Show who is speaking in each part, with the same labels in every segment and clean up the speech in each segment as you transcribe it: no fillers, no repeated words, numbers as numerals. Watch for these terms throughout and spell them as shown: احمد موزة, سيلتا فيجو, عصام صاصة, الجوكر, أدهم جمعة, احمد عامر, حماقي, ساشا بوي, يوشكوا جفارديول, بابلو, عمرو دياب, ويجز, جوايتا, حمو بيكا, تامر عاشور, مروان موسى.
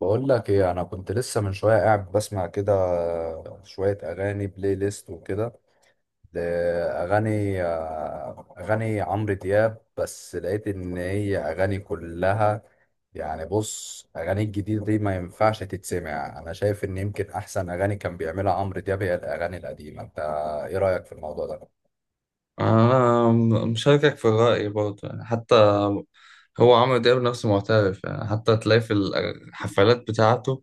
Speaker 1: بقول لك ايه، انا كنت لسه من شويه قاعد بسمع كده شويه اغاني بلاي ليست وكده. اغاني اغاني عمرو دياب، بس لقيت ان هي اغاني كلها يعني. بص، اغاني الجديده دي ما ينفعش تتسمع. انا شايف ان يمكن احسن اغاني كان بيعملها عمرو دياب هي الاغاني القديمه. انت ايه رايك في الموضوع ده؟
Speaker 2: أنا مشاركك في الرأي برضه، يعني حتى هو عمرو دياب نفسه معترف. يعني حتى تلاقي في الحفلات بتاعته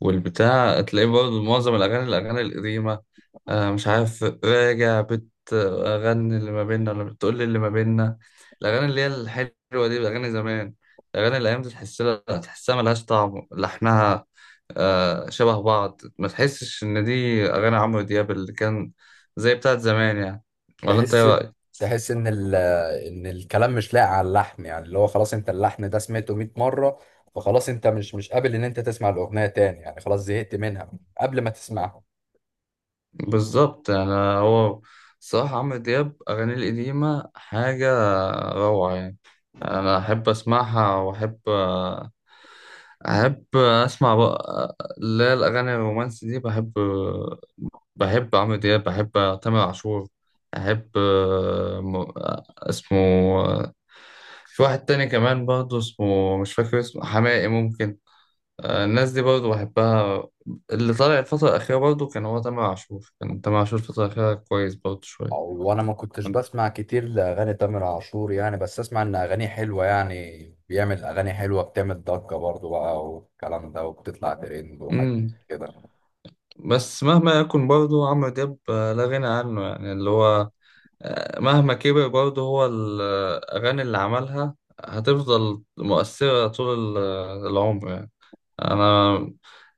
Speaker 2: والبتاع تلاقيه برضه معظم الأغاني القديمة. مش عارف، راجع بتغني اللي ما بيننا ولا بتقول لي اللي ما بيننا. الأغاني اللي هي الحلوة دي الأغاني زمان، الأغاني الأيام دي تحس لها، تحسها ملهاش طعم لحنها. شبه بعض، ما تحسش إن دي أغاني عمرو دياب اللي كان زي بتاعت زمان يعني. ولا أنت إيه
Speaker 1: تحس
Speaker 2: رأيك؟
Speaker 1: تحس ان ان الكلام مش لاقي على اللحن، يعني اللي هو خلاص انت اللحن ده سمعته 100 مره، فخلاص انت مش قابل ان انت تسمع الاغنيه تاني، يعني خلاص زهقت منها قبل ما تسمعها.
Speaker 2: بالظبط يعني. هو صراحة عمرو دياب أغانيه القديمة حاجة روعة يعني. أنا أحب أسمعها، وأحب أسمع بقى اللي هي الأغاني الرومانسي دي. بحب، بحب عمرو دياب، بحب تامر عاشور، أحب م- اسمه، في واحد تاني كمان برضه اسمه مش فاكر، اسمه حماقي ممكن. الناس دي برضه بحبها. اللي طالع الفترة الأخيرة برضه كان هو تامر عاشور، كان تامر عاشور الفترة الأخيرة كويس برضه شوية.
Speaker 1: وانا ما كنتش
Speaker 2: كان-
Speaker 1: بسمع كتير لاغاني تامر عاشور يعني، بس اسمع ان اغانيه حلوه، يعني بيعمل اغاني حلوه بتعمل ضجه برضو بقى والكلام ده، وبتطلع ترند وحاجات
Speaker 2: مم.
Speaker 1: كده.
Speaker 2: بس مهما يكن برضه عمرو دياب لا غنى عنه يعني. اللي هو مهما كبر برضه هو الأغاني اللي عملها هتفضل مؤثرة طول العمر يعني. انا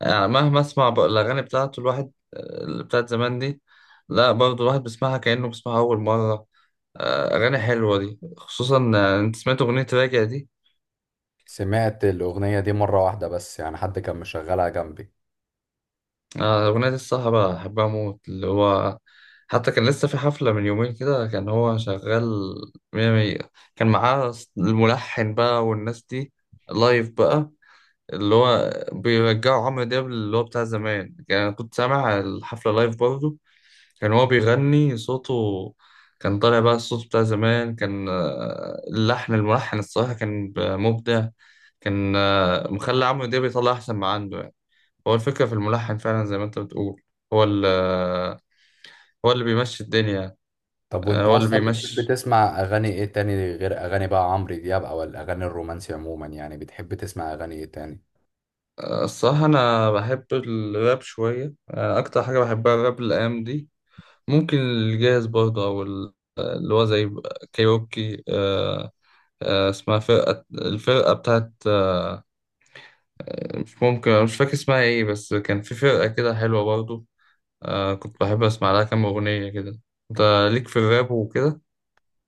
Speaker 2: يعني مهما اسمع الاغاني بتاعته الواحد اللي بتاعت زمان دي، لا برضه الواحد بيسمعها كانه بيسمعها اول مره. اغاني حلوه دي، خصوصا انت سمعت اغنيه راجع دي؟
Speaker 1: سمعت الاغنيه دي مره واحده بس، يعني حد كان مشغلها جنبي.
Speaker 2: الاغنيه دي الصراحه بحبها موت. اللي هو حتى كان لسه في حفله من يومين كده كان هو شغال، مية مية. كان معاه الملحن بقى والناس دي لايف بقى، اللي هو بيرجعوا عمرو دياب اللي هو بتاع زمان يعني. أنا كنت سامع الحفله لايف برضه، كان هو بيغني، صوته كان طالع بقى الصوت بتاع زمان. كان اللحن، الملحن الصراحة كان مبدع. كان مخلي عمرو دياب يطلع أحسن ما عنده يعني. هو الفكرة في الملحن فعلا زي ما أنت بتقول، هو اللي هو اللي بيمشي الدنيا.
Speaker 1: طب وانت
Speaker 2: هو اللي
Speaker 1: اصلا بتحب
Speaker 2: بيمشي.
Speaker 1: تسمع اغاني ايه تاني غير اغاني بقى عمرو دياب او الاغاني الرومانسي عموما؟ يعني بتحب تسمع اغاني ايه تاني؟
Speaker 2: الصراحة أنا بحب الراب شوية. أكتر حاجة بحبها الراب الأيام دي. ممكن الجاهز برضه، أو اللي هو زي كايروكي. اسمها فرقة، الفرقة بتاعت مش ممكن مش فاكر اسمها ايه، بس كان في فرقة كده حلوة برضو. آه، كنت بحب اسمع لها كام اغنية كده. انت ليك في الراب وكده؟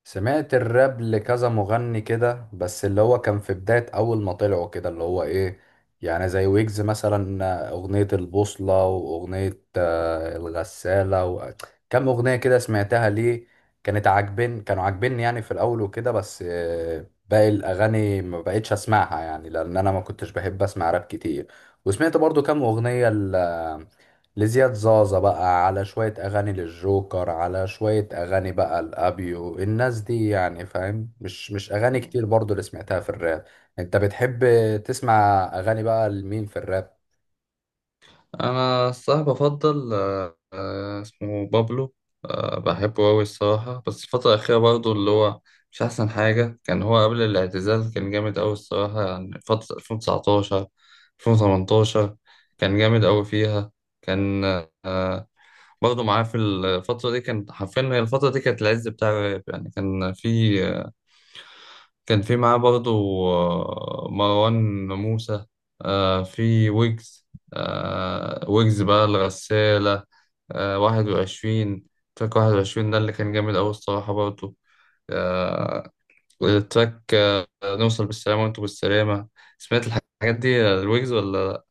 Speaker 1: سمعت الراب لكذا مغني كده، بس اللي هو كان في بداية أول ما طلعوا كده اللي هو إيه، يعني زي ويجز مثلا أغنية البوصلة وأغنية الغسالة كم أغنية كده سمعتها ليه، كانت كانوا عاجبيني يعني في الأول وكده، بس باقي الأغاني ما بقتش أسمعها يعني، لأن أنا ما كنتش بحب أسمع راب كتير. وسمعت برضو كم أغنية لزياد زازا بقى، على شوية أغاني للجوكر، على شوية أغاني بقى الأبيو الناس دي يعني، فاهم؟ مش أغاني كتير برضو اللي سمعتها في الراب. أنت بتحب تسمع أغاني بقى لمين في الراب؟
Speaker 2: انا الصراحة بفضل اسمه بابلو. آه، بحبه اوي الصراحة، بس الفترة الأخيرة برضو اللي هو مش أحسن حاجة. كان هو قبل الاعتزال كان جامد أوي الصراحة، يعني فترة 2019، 2018 كان جامد أوي فيها. كان آه برضه معاه في الفترة دي، كانت حرفيا هي الفترة دي كانت العز بتاع الراب يعني. كان في معاه برضه مروان موسى، في ويجز. ويجز بقى الغسالة، 21. تراك 21 ده اللي كان جامد أوي الصراحة برضه. آه، التراك نوصل بالسلامة وانتوا بالسلامة. سمعت الحاجات دي، الويجز ولا؟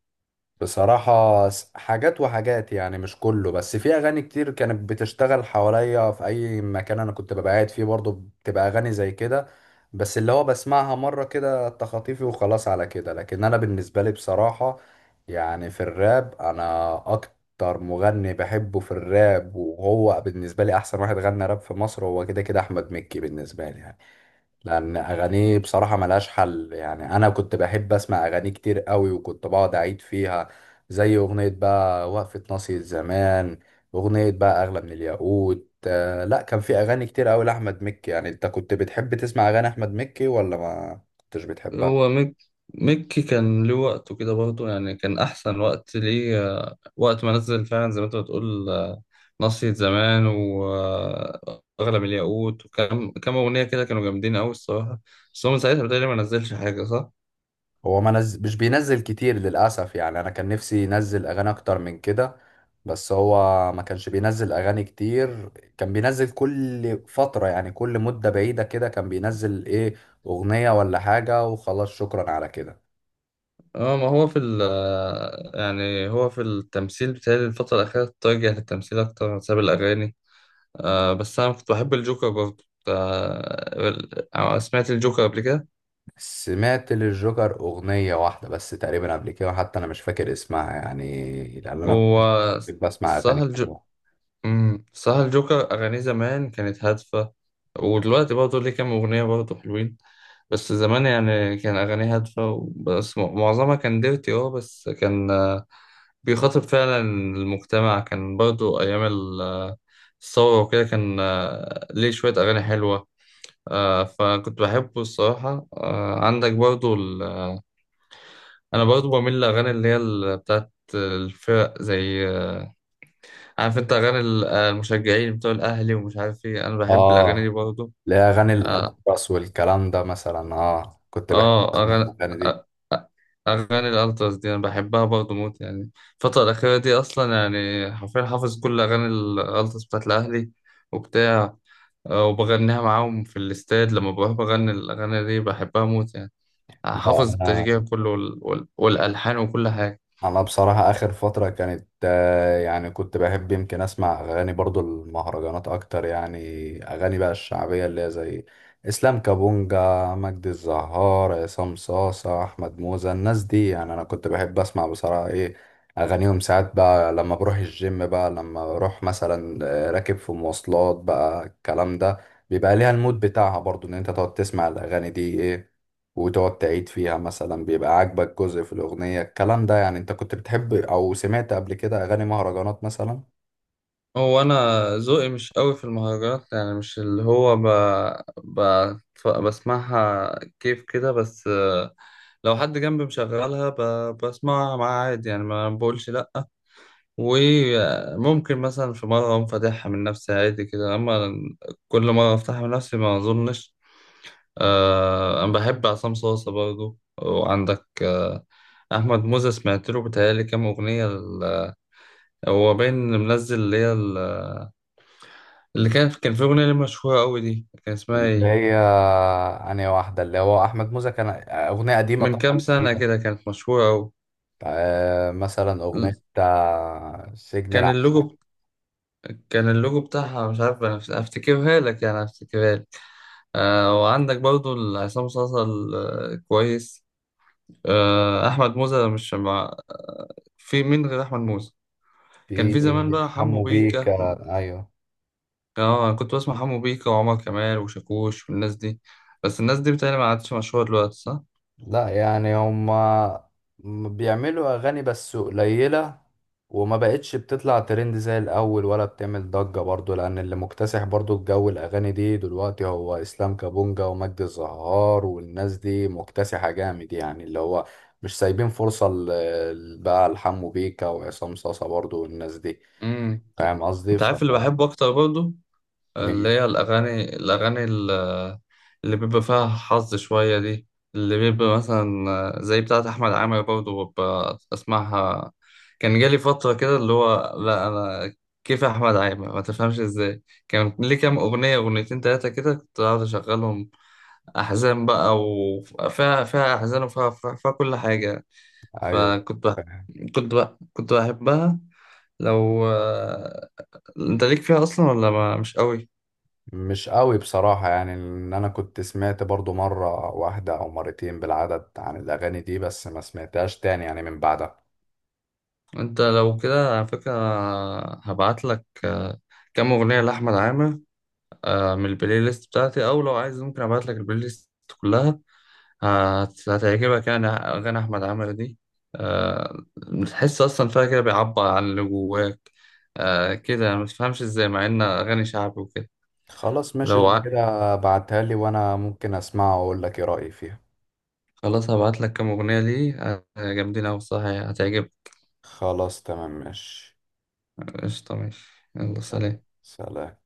Speaker 1: بصراحة حاجات وحاجات يعني، مش كله، بس في أغاني كتير كانت بتشتغل حواليا في أي مكان أنا كنت ببقى قاعد فيه برضو، بتبقى أغاني زي كده، بس اللي هو بسمعها مرة كده تخاطيفي وخلاص على كده. لكن أنا بالنسبة لي بصراحة يعني في الراب، أنا أكتر مغني بحبه في الراب وهو بالنسبة لي أحسن واحد غنى راب في مصر هو كده كده أحمد مكي بالنسبة لي يعني. لان اغانيه بصراحه ملهاش حل يعني، انا كنت بحب اسمع اغانيه كتير قوي وكنت بقعد اعيد فيها، زي اغنيه بقى وقفه ناصية زمان، اغنيه بقى اغلى من الياقوت. آه لا، كان في اغاني كتير قوي لاحمد مكي يعني. انت كنت بتحب تسمع اغاني احمد مكي ولا ما كنتش بتحبها؟
Speaker 2: هو ميك ميكي كان له وقته كده برضه يعني، كان أحسن وقت ليه وقت ما نزل، فعلا زي ما أنت بتقول. نصية زمان وأغلى من الياقوت، وكم أغنية كده كانوا جامدين أوي الصراحة. بس هو من ساعتها بتهيألي ما نزلش حاجة، صح؟
Speaker 1: هو ما نز... مش بينزل كتير للأسف يعني، أنا كان نفسي ينزل أغاني أكتر من كده، بس هو ما كانش بينزل أغاني كتير، كان بينزل كل فترة يعني كل مدة بعيدة كده، كان بينزل إيه أغنية ولا حاجة وخلاص، شكرا على كده.
Speaker 2: اه، ما هو في ال آه، يعني هو في التمثيل بتهيألي الفترة الأخيرة اتجه للتمثيل أكتر بسبب الأغاني. بس أنا كنت بحب الجوكر برضه، سمعت الجوكر قبل كده؟
Speaker 1: سمعت للجوكر أغنية واحدة بس تقريبا قبل كده، حتى أنا مش فاكر اسمها يعني، لأن أنا
Speaker 2: هو
Speaker 1: كنت بسمع أغاني
Speaker 2: الصراحة
Speaker 1: كتير.
Speaker 2: صح، الجوكر أغانيه زمان كانت هادفة. ودلوقتي برضه ليه كام أغنية برضه حلوين. بس زمان يعني كان أغانيه هادفة، بس معظمها كان ديرتي. اه بس كان بيخاطب فعلا المجتمع. كان برضه أيام الثورة وكده، كان ليه شوية أغاني حلوة. فكنت بحبه الصراحة. عندك برضه أنا برضه بميل للأغاني اللي هي بتاعت الفرق، زي عارف انت اغاني المشجعين بتوع الاهلي ومش عارف ايه، انا بحب الاغاني دي
Speaker 1: آه
Speaker 2: برضه.
Speaker 1: لا، أغاني
Speaker 2: اه
Speaker 1: الأطرس والكلام ده مثلا، آه كنت بحب
Speaker 2: آه،
Speaker 1: أسمع
Speaker 2: اغاني
Speaker 1: الأغاني دي.
Speaker 2: آه، آه، اغاني الالتراس دي انا بحبها برضه موت يعني. الفتره الاخيره دي اصلا يعني حرفيا حافظ كل اغاني الالتراس بتاعت الاهلي وبتاع، وبغنيها معاهم في الاستاد، لما بروح بغني الاغاني دي بحبها موت يعني. حافظ
Speaker 1: لا
Speaker 2: التشجيع كله والالحان وكل حاجه.
Speaker 1: انا بصراحة اخر فترة كانت يعني كنت بحب يمكن اسمع اغاني برضو المهرجانات اكتر يعني، اغاني بقى الشعبية اللي هي زي اسلام كابونجا، مجدي الزهار، عصام صاصة، احمد موزة، الناس دي يعني. انا كنت بحب اسمع بصراحة ايه اغانيهم ساعات بقى لما بروح الجيم بقى، لما بروح مثلا راكب في مواصلات بقى الكلام ده، بيبقى ليها المود بتاعها برضو ان انت تقعد تسمع الاغاني دي ايه، وتقعد تعيد فيها، مثلا بيبقى عاجبك جزء في الأغنية الكلام ده يعني. انت كنت بتحب او سمعت قبل كده اغاني مهرجانات مثلا
Speaker 2: هو انا ذوقي مش قوي في المهرجانات يعني، مش اللي هو ب... بسمعها كيف كده. بس لو حد جنبي مشغلها بسمعها معاه عادي يعني، ما بقولش لا. وممكن مثلا في مرة اقوم فاتحها من نفسي عادي كده، اما كل مرة افتحها من نفسي ما اظنش. انا بحب عصام صاصة برضو، وعندك احمد موزة، سمعت له بتهيألي كام اغنية هو باين منزل، اللي هي اللي كان في أغنية ليه مشهورة أوي دي، كان اسمها
Speaker 1: اللي
Speaker 2: إيه؟
Speaker 1: هي أنهي واحدة اللي هو أحمد موزة، كان أغنية قديمة
Speaker 2: من كام
Speaker 1: طبعا
Speaker 2: سنة
Speaker 1: جديدة
Speaker 2: كده كانت مشهورة أوي.
Speaker 1: مثلا
Speaker 2: ال-
Speaker 1: أغنية سجن
Speaker 2: كان اللوجو
Speaker 1: العسل.
Speaker 2: ب- كان اللوجو بتاعها مش عارف، أنا أفتكرها لك يعني، أفتكرها لك. آه، وعندك برضو عصام صاصا كويس. أحمد موزة مش مع، في مين غير أحمد موزة؟ كان
Speaker 1: في
Speaker 2: في زمان بقى حمو
Speaker 1: حمو
Speaker 2: بيكا.
Speaker 1: بيكا، أيوه.
Speaker 2: أنا كنت بسمع حمو بيكا وعمر كمال وشاكوش والناس دي، بس الناس دي بتهيألي ما عادش مشهورة دلوقتي، صح؟
Speaker 1: لا يعني هما بيعملوا اغاني بس قليلة، وما بقتش بتطلع ترند زي الاول ولا بتعمل ضجة برضو، لان اللي مكتسح برضو الجو الاغاني دي دلوقتي هو اسلام كابونجا ومجدي الزهار والناس دي، مكتسحة جامد يعني، اللي هو مش سايبين فرصة بقى لحمو بيكا وعصام صاصا برضو والناس دي،
Speaker 2: مم.
Speaker 1: فاهم قصدي؟
Speaker 2: أنت
Speaker 1: ف
Speaker 2: عارف اللي بحبه أكتر برضو؟ اللي
Speaker 1: مين؟
Speaker 2: هي الأغاني اللي بيبقى فيها حظ شوية دي، اللي بيبقى مثلا زي بتاعة أحمد عامر برضه ببقى أسمعها. كان جالي فترة كده اللي هو، لا أنا كيف أحمد عامر، ما تفهمش إزاي. كان ليه كام أغنية، أغنيتين تلاتة كده كنت قاعد أشغلهم، أحزان بقى، وفيها أحزان، وفيها فيها فيها كل حاجة.
Speaker 1: ايوه.
Speaker 2: فكنت بح... كنت بح... كنت بحبها. لو أنت ليك فيها أصلا ولا ما مش قوي؟
Speaker 1: مش قوي بصراحة يعني، ان انا كنت سمعت برضو مرة واحدة او مرتين بالعدد عن الاغاني دي، بس ما سمعتهاش تاني يعني من بعدها.
Speaker 2: انت لو كده على فكرة هبعت لك كام اغنية لأحمد عامر، من البلاي ليست بتاعتي، او لو عايز ممكن ابعت لك البلاي ليست كلها. هتعجبك يعني اغاني احمد عامر دي، آه، تحس اصلا فيها كده بيعبر عن اللي جواك. كده يعني، ما تفهمش ازاي مع ان اغاني شعبي وكده.
Speaker 1: خلاص ماشي
Speaker 2: لو
Speaker 1: لو
Speaker 2: ع-
Speaker 1: كده، بعتها لي وانا ممكن اسمعها واقول لك ايه رأيي فيها.
Speaker 2: خلاص هبعت لك كام اغنية ليه جامدين اوي الصراحة يعني هتعجبك.
Speaker 1: خلاص تمام ماشي،
Speaker 2: قشطة ماشي، يلا
Speaker 1: يلا
Speaker 2: سلام.
Speaker 1: سلام.